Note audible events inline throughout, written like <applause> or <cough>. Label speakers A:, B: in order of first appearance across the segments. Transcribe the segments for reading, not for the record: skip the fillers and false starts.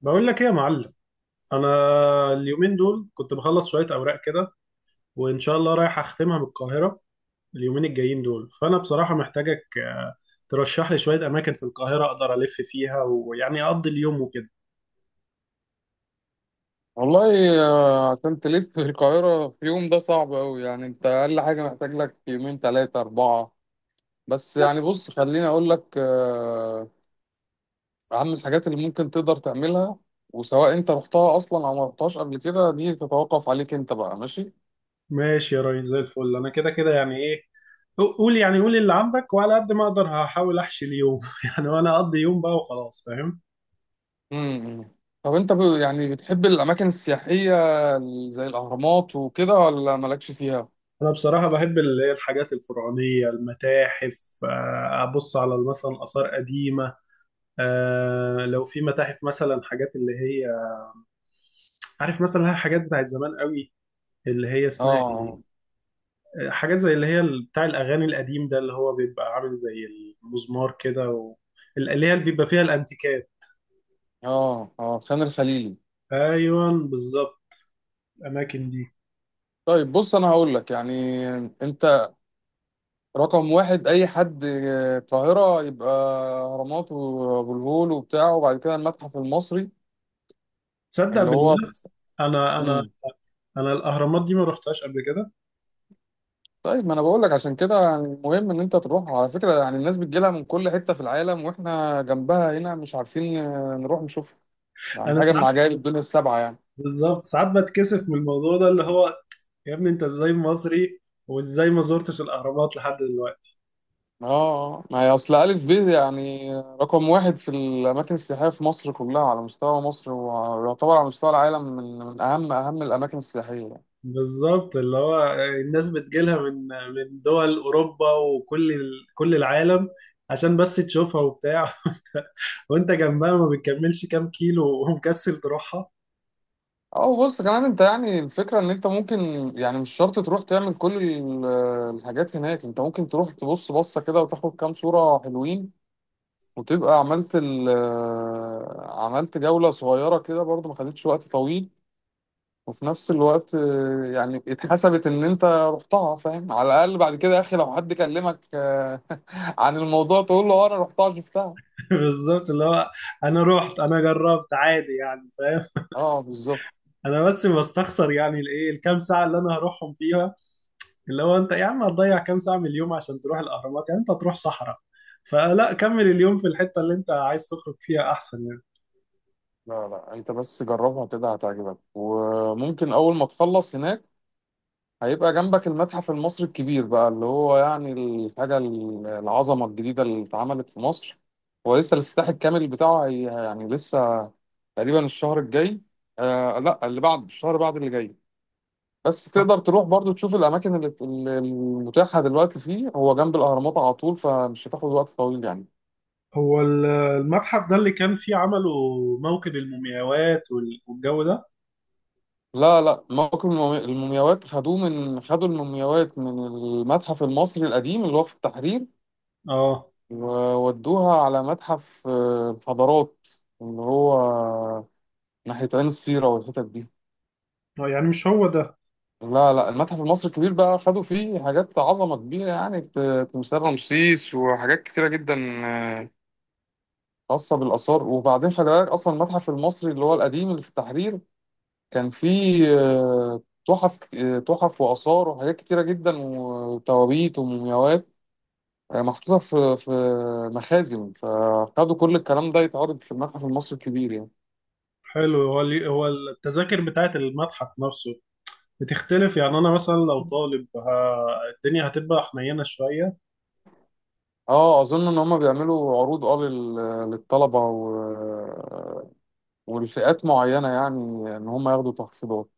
A: بقول لك ايه يا معلم. انا اليومين دول كنت بخلص شويه اوراق كده، وان شاء الله رايح اختمها بالقاهره اليومين الجايين دول. فانا بصراحه محتاجك، ترشح لي شويه اماكن في القاهره اقدر الف فيها ويعني اقضي اليوم وكده.
B: والله عشان تلف في القاهرة في يوم ده صعب أوي. يعني أنت أقل حاجة محتاج لك يومين تلاتة أربعة. بس يعني بص خليني أقول لك أهم الحاجات اللي ممكن تقدر تعملها. وسواء أنت رحتها أصلا أو ما رحتهاش قبل كده دي تتوقف عليك أنت بقى. ماشي؟
A: ماشي يا ريس، زي الفل. انا كده كده يعني ايه، قول يعني، قول اللي عندك وعلى قد ما اقدر هحاول احشي اليوم <laughs> يعني، وانا اقضي يوم بقى وخلاص، فاهم.
B: مم. طب أنت يعني بتحب الأماكن السياحية زي الأهرامات وكده ولا مالكش فيها؟
A: انا بصراحه بحب الحاجات الفرعونيه، المتاحف، ابص على مثلا اثار قديمه. آه لو في متاحف مثلا، حاجات اللي هي، عارف مثلا الحاجات بتاعت زمان قوي اللي هي اسمها ايه،
B: آه،
A: حاجات زي اللي هي بتاع الاغاني القديم ده، اللي هو بيبقى عامل زي المزمار كده، و... اللي هي اللي بيبقى فيها الانتيكات.
B: آه، آه، خان الخليلي.
A: ايوه بالظبط، الاماكن دي.
B: طيب بص أنا هقول لك يعني. أنت رقم 1 أي حد القاهرة يبقى أهرامات وأبو الهول وبتاع. وبعد كده المتحف المصري
A: تصدق
B: اللي هو
A: بالله، انا
B: مم.
A: انا الاهرامات دي ما رحتهاش قبل كده.
B: طيب ما أنا بقول لك عشان كده. يعني مهم إن أنت تروح، على فكرة. يعني الناس بتجيلها من كل حتة في العالم وإحنا جنبها هنا مش عارفين نروح نشوفها. يعني
A: انا
B: حاجة من
A: ساعات،
B: عجائب الدنيا السبعة يعني.
A: بالظبط ساعات بتكسف من الموضوع ده، اللي هو يا ابني انت ازاي مصري وازاي ما زرتش الاهرامات لحد دلوقتي.
B: آه، آه. ما هي أصل ألف ب يعني رقم 1 في الأماكن السياحية في مصر كلها، على مستوى مصر، ويعتبر على مستوى العالم من أهم الأماكن السياحية.
A: بالظبط، اللي هو الناس بتجيلها من دول اوروبا وكل كل العالم عشان بس تشوفها وبتاع، <laughs> وانت جنبها ما بتكملش كام كيلو ومكسل تروحها.
B: اه، بص كمان انت يعني الفكرة ان انت ممكن. يعني مش شرط تروح تعمل كل الحاجات هناك. انت ممكن تروح تبص بصة كده وتاخد كام صورة حلوين وتبقى عملت عملت جولة صغيرة كده برضو، ما خدتش وقت طويل. وفي نفس الوقت يعني اتحسبت ان انت رحتها. فاهم؟ على الاقل بعد كده يا اخي لو حد كلمك <laughs> عن الموضوع تقول له اه انا رحتها شفتها.
A: <laughs> بالظبط، اللي هو انا رحت، انا جربت عادي يعني، فاهم.
B: اه، بالظبط.
A: انا بس بستخسر يعني الايه، الكام ساعه اللي انا هروحهم فيها، اللي هو انت يا عم هتضيع كام ساعه من اليوم عشان تروح الاهرامات؟ يعني انت تروح صحراء، فلا كمل اليوم في الحته اللي انت عايز تخرج فيها احسن يعني.
B: لا لا، انت بس جربها كده هتعجبك. وممكن اول ما تخلص هناك هيبقى جنبك المتحف المصري الكبير بقى اللي هو يعني الحاجة العظمة الجديدة اللي اتعملت في مصر. هو لسه الافتتاح الكامل بتاعه، هي يعني لسه تقريبا الشهر الجاي. لا، اللي بعد الشهر بعد اللي جاي. بس تقدر تروح برضو تشوف الأماكن اللي المتاحة دلوقتي فيه. هو جنب الأهرامات على طول، فمش هتاخد وقت طويل يعني.
A: هو المتحف ده اللي كان فيه عملوا موكب المومياوات والجو ده؟
B: لا لا، موكب المومياوات خدوه من خدوا المومياوات من المتحف المصري القديم اللي هو في التحرير.
A: اه،
B: وودوها على متحف حضارات، اللي هو ناحية عين السيرة والحتت دي.
A: يعني مش هو ده.
B: لا لا، المتحف المصري الكبير بقى خدوا فيه حاجات عظمة كبيرة. يعني تمثال رمسيس وحاجات كتيرة جدا آه، خاصة بالآثار. وبعدين خلي بالك، أصلا المتحف المصري اللي هو القديم اللي في التحرير كان فيه تحف كت- آه، تحف وآثار وحاجات كتيرة جدا، وتوابيت ومومياوات محطوطة في مخازن. فخدوا كل الكلام ده يتعرض في المتحف المصري الكبير يعني.
A: حلو. هو اللي هو التذاكر بتاعت المتحف نفسه بتختلف يعني؟ انا مثلا لو طالب الدنيا هتبقى حنينة شوية؟
B: اه، اظن ان هم بيعملوا عروض، للطلبه والفئات معينه يعني، ان هم ياخدوا تخفيضات.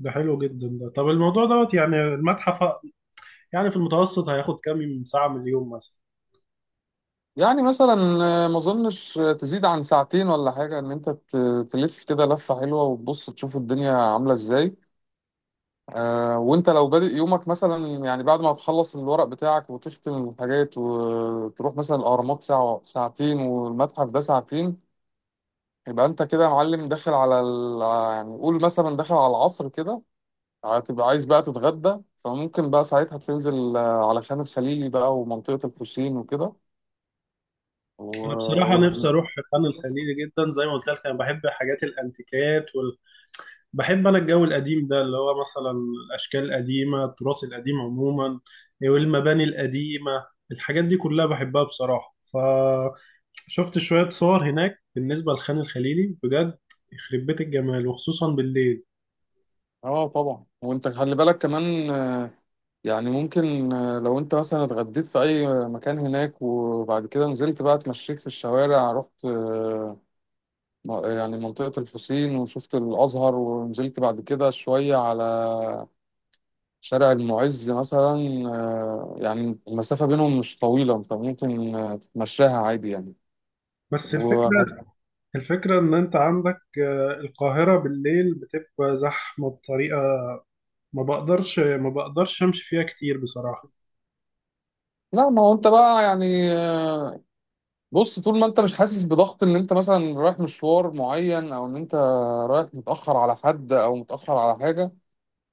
A: ده حلو جدا ده. طب الموضوع دوت يعني المتحف يعني في المتوسط هياخد كام ساعة من اليوم مثلا؟
B: يعني مثلا ما اظنش تزيد عن ساعتين ولا حاجه. ان انت تلف كده لفه حلوه وتبص تشوف الدنيا عامله ازاي. وانت لو بادئ يومك مثلا، يعني بعد ما تخلص الورق بتاعك وتختم الحاجات وتروح مثلا الاهرامات ساعه ساعتين والمتحف ده ساعتين. يبقى انت كده يا معلم داخل على يعني قول مثلا داخل على العصر كده. هتبقى عايز بقى تتغدى. فممكن بقى ساعتها تنزل على خان الخليلي بقى ومنطقة الحسين وكده. و...
A: انا
B: و...
A: بصراحة نفسي اروح خان الخليلي جدا، زي ما قلت لك انا بحب حاجات الانتيكات، بحب انا الجو القديم ده، اللي هو مثلا الاشكال القديمه، التراث القديم عموما والمباني القديمه، الحاجات دي كلها بحبها بصراحه. فشفت شويه صور هناك بالنسبه للخان الخليلي، بجد يخرب بيت الجمال، وخصوصا بالليل.
B: اه، طبعا. وانت خلي بالك كمان يعني ممكن لو انت مثلا اتغديت في اي مكان هناك وبعد كده نزلت بقى اتمشيت في الشوارع، رحت يعني منطقة الحسين وشفت الازهر ونزلت بعد كده شوية على شارع المعز مثلا. يعني المسافة بينهم مش طويلة. انت ممكن تتمشاها عادي يعني.
A: بس
B: وهت...
A: الفكره، الفكره ان انت عندك، القاهره بالليل بتبقى زحمه بطريقه ما بقدرش امشي فيها كتير بصراحه.
B: لا، ما هو انت بقى يعني بص، طول ما انت مش حاسس بضغط ان انت مثلا رايح مشوار معين، او ان انت رايح متأخر على حد او متأخر على حاجة،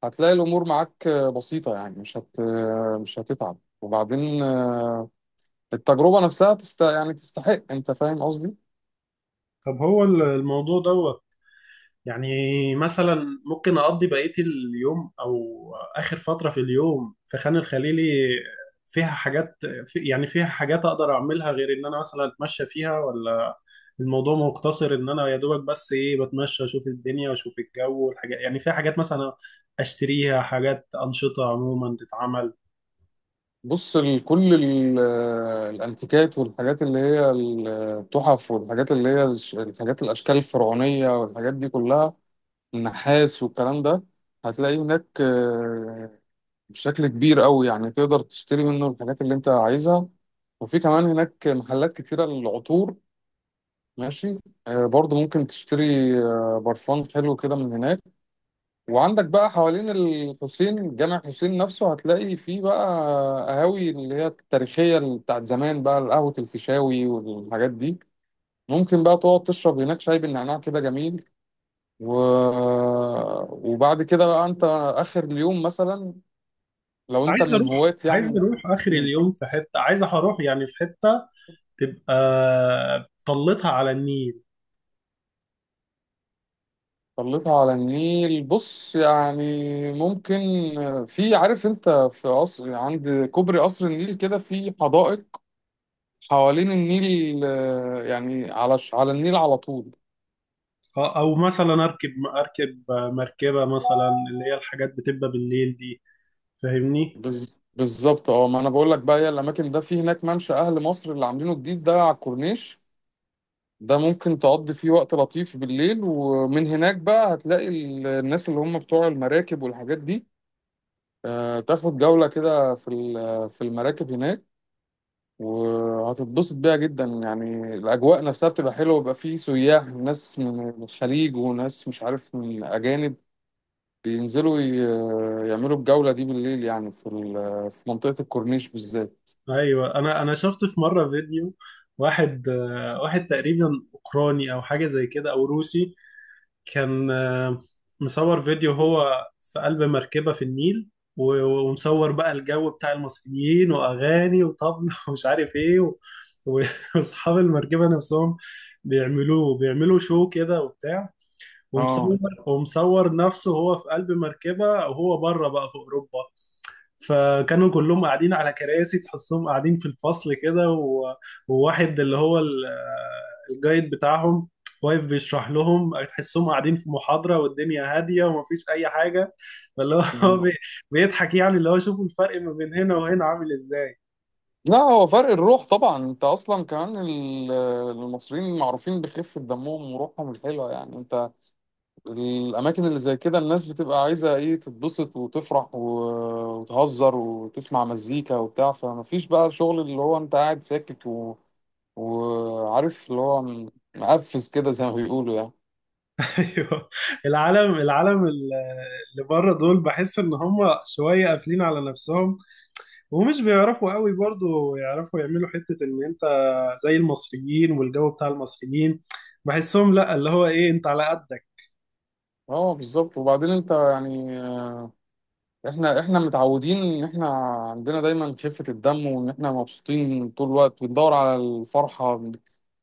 B: هتلاقي الامور معاك بسيطة يعني. مش هتتعب. وبعدين التجربة نفسها يعني تستحق. انت فاهم قصدي؟
A: طب هو الموضوع ده يعني، مثلا ممكن أقضي بقية اليوم أو آخر فترة في اليوم في خان الخليلي، فيها حاجات، في يعني فيها حاجات أقدر أعملها غير إن أنا مثلا أتمشى فيها؟ ولا الموضوع مقتصر إن أنا يا دوبك بس إيه، بتمشى أشوف الدنيا أشوف الجو والحاجات؟ يعني فيها حاجات مثلا أشتريها، حاجات أنشطة عموما تتعمل؟
B: بص، كل الانتيكات والحاجات اللي هي التحف والحاجات اللي هي الحاجات، الاشكال الفرعونية والحاجات دي كلها، النحاس والكلام ده، هتلاقي هناك بشكل كبير قوي. يعني تقدر تشتري منه الحاجات اللي انت عايزها. وفي كمان هناك محلات كتيرة للعطور. ماشي؟ برضو ممكن تشتري برفان حلو كده من هناك. وعندك بقى حوالين الحسين، جامع حسين نفسه، هتلاقي فيه بقى قهاوي اللي هي التاريخية اللي بتاعت زمان، بقى قهوة الفيشاوي والحاجات دي. ممكن بقى تقعد تشرب هناك شاي بالنعناع كده جميل. و... وبعد كده بقى انت اخر اليوم مثلا، لو انت
A: عايز
B: من
A: أروح
B: هواة
A: عايز
B: يعني.
A: أروح آخر
B: مم.
A: اليوم في حتة، عايز أروح يعني في حتة تبقى طلتها على النيل.
B: طلتها على النيل؟ بص يعني ممكن. في، عارف انت، في قصر عند كوبري قصر النيل كده، في حدائق حوالين النيل يعني على على النيل على طول.
A: اه، او مثلا اركب، مركبه مثلا، اللي هي الحاجات بتبقى بالليل دي، فاهمني.
B: بالظبط. اه ما انا بقول لك بقى هي الاماكن ده. في هناك ممشى اهل مصر اللي عاملينه جديد ده على الكورنيش. ده ممكن تقضي فيه وقت لطيف بالليل. ومن هناك بقى هتلاقي الناس اللي هم بتوع المراكب والحاجات دي. تاخد جولة كده في في المراكب هناك. وهتتبسط بيها جدا. يعني الأجواء نفسها بتبقى حلوة، ويبقى فيه سياح ناس من الخليج وناس مش عارف من أجانب بينزلوا يعملوا الجولة دي بالليل يعني في في منطقة الكورنيش بالذات.
A: ايوه، انا شفت في مره فيديو واحد، واحد تقريبا اوكراني او حاجه زي كده، او روسي، كان مصور فيديو هو في قلب مركبه في النيل، و- ومصور بقى الجو بتاع المصريين واغاني وطبل، <laughs> ومش عارف ايه و- واصحاب المركبه نفسهم بيعملوا شو كده وبتاع، ومصور
B: اه،
A: ومصور نفسه وهو في قلب مركبة وهو بره بقى في أوروبا. فكانوا كلهم قاعدين على كراسي، تحسهم قاعدين في الفصل كده، وواحد اللي هو الجايد بتاعهم واقف بيشرح لهم، تحسهم قاعدين في محاضرة والدنيا هادية ومفيش أي حاجة. فاللي هو <laughs> بيضحك يعني، اللي هو شوفوا الفرق ما بين هنا وهنا عامل إزاي.
B: لا هو فرق الروح طبعا. انت اصلا كمان المصريين معروفين بخفة دمهم وروحهم الحلوة. يعني انت، الاماكن اللي زي كده الناس بتبقى عايزة ايه؟ تتبسط وتفرح وتهزر وتسمع مزيكا وبتاع. فمفيش بقى شغل اللي هو انت قاعد ساكت. وعارف اللي هو مقفز كده، زي ما بيقولوا يعني.
A: <laughs> أيوه، العالم العالم ال- اللي بره دول بحس إن هم شوية قافلين على نفسهم، ومش بيعرفوا قوي برضو يعرفوا يعملوا حتة ان انت زي المصريين والجو بتاع المصريين، بحسهم لا، اللي هو ايه انت على قدك.
B: اه، بالظبط. وبعدين انت يعني، احنا متعودين ان احنا عندنا دايما خفة الدم، وان احنا مبسوطين طول الوقت بندور على الفرحة.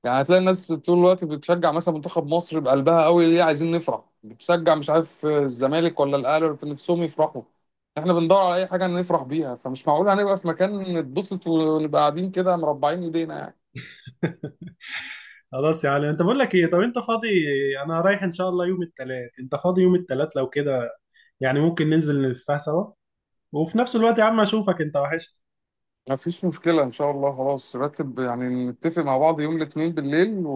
B: يعني هتلاقي الناس طول الوقت بتشجع مثلا منتخب مصر بقلبها قوي. ليه؟ عايزين نفرح. بتشجع مش عارف الزمالك ولا الاهلي ولا نفسهم يفرحوا. احنا بندور على اي حاجة نفرح بيها. فمش معقول هنبقى في مكان نتبسط ونبقى قاعدين كده مربعين ايدينا يعني.
A: خلاص، يعني انت بقول لك ايه، طب انت فاضي؟ انا رايح ان شاء الله يوم الثلاث، انت فاضي يوم الثلاث؟ لو كده يعني ممكن ننزل نلفها سوا، وفي نفس الوقت يا عم اشوفك، انت وحشت.
B: مفيش مشكلة، إن شاء الله. خلاص رتب يعني. نتفق مع بعض يوم الاثنين بالليل.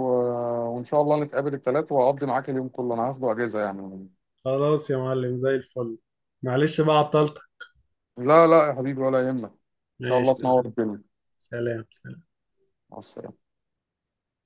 B: وإن شاء الله نتقابل الثلاث، وأقضي معاك اليوم كله. أنا هاخده أجازة يعني.
A: خلاص يا معلم، زي الفل. معلش بقى عطلتك.
B: لا لا يا حبيبي، ولا يهمك. ان شاء
A: ماشي.
B: الله تنور الدنيا.
A: سلام سلام.
B: مع السلامة.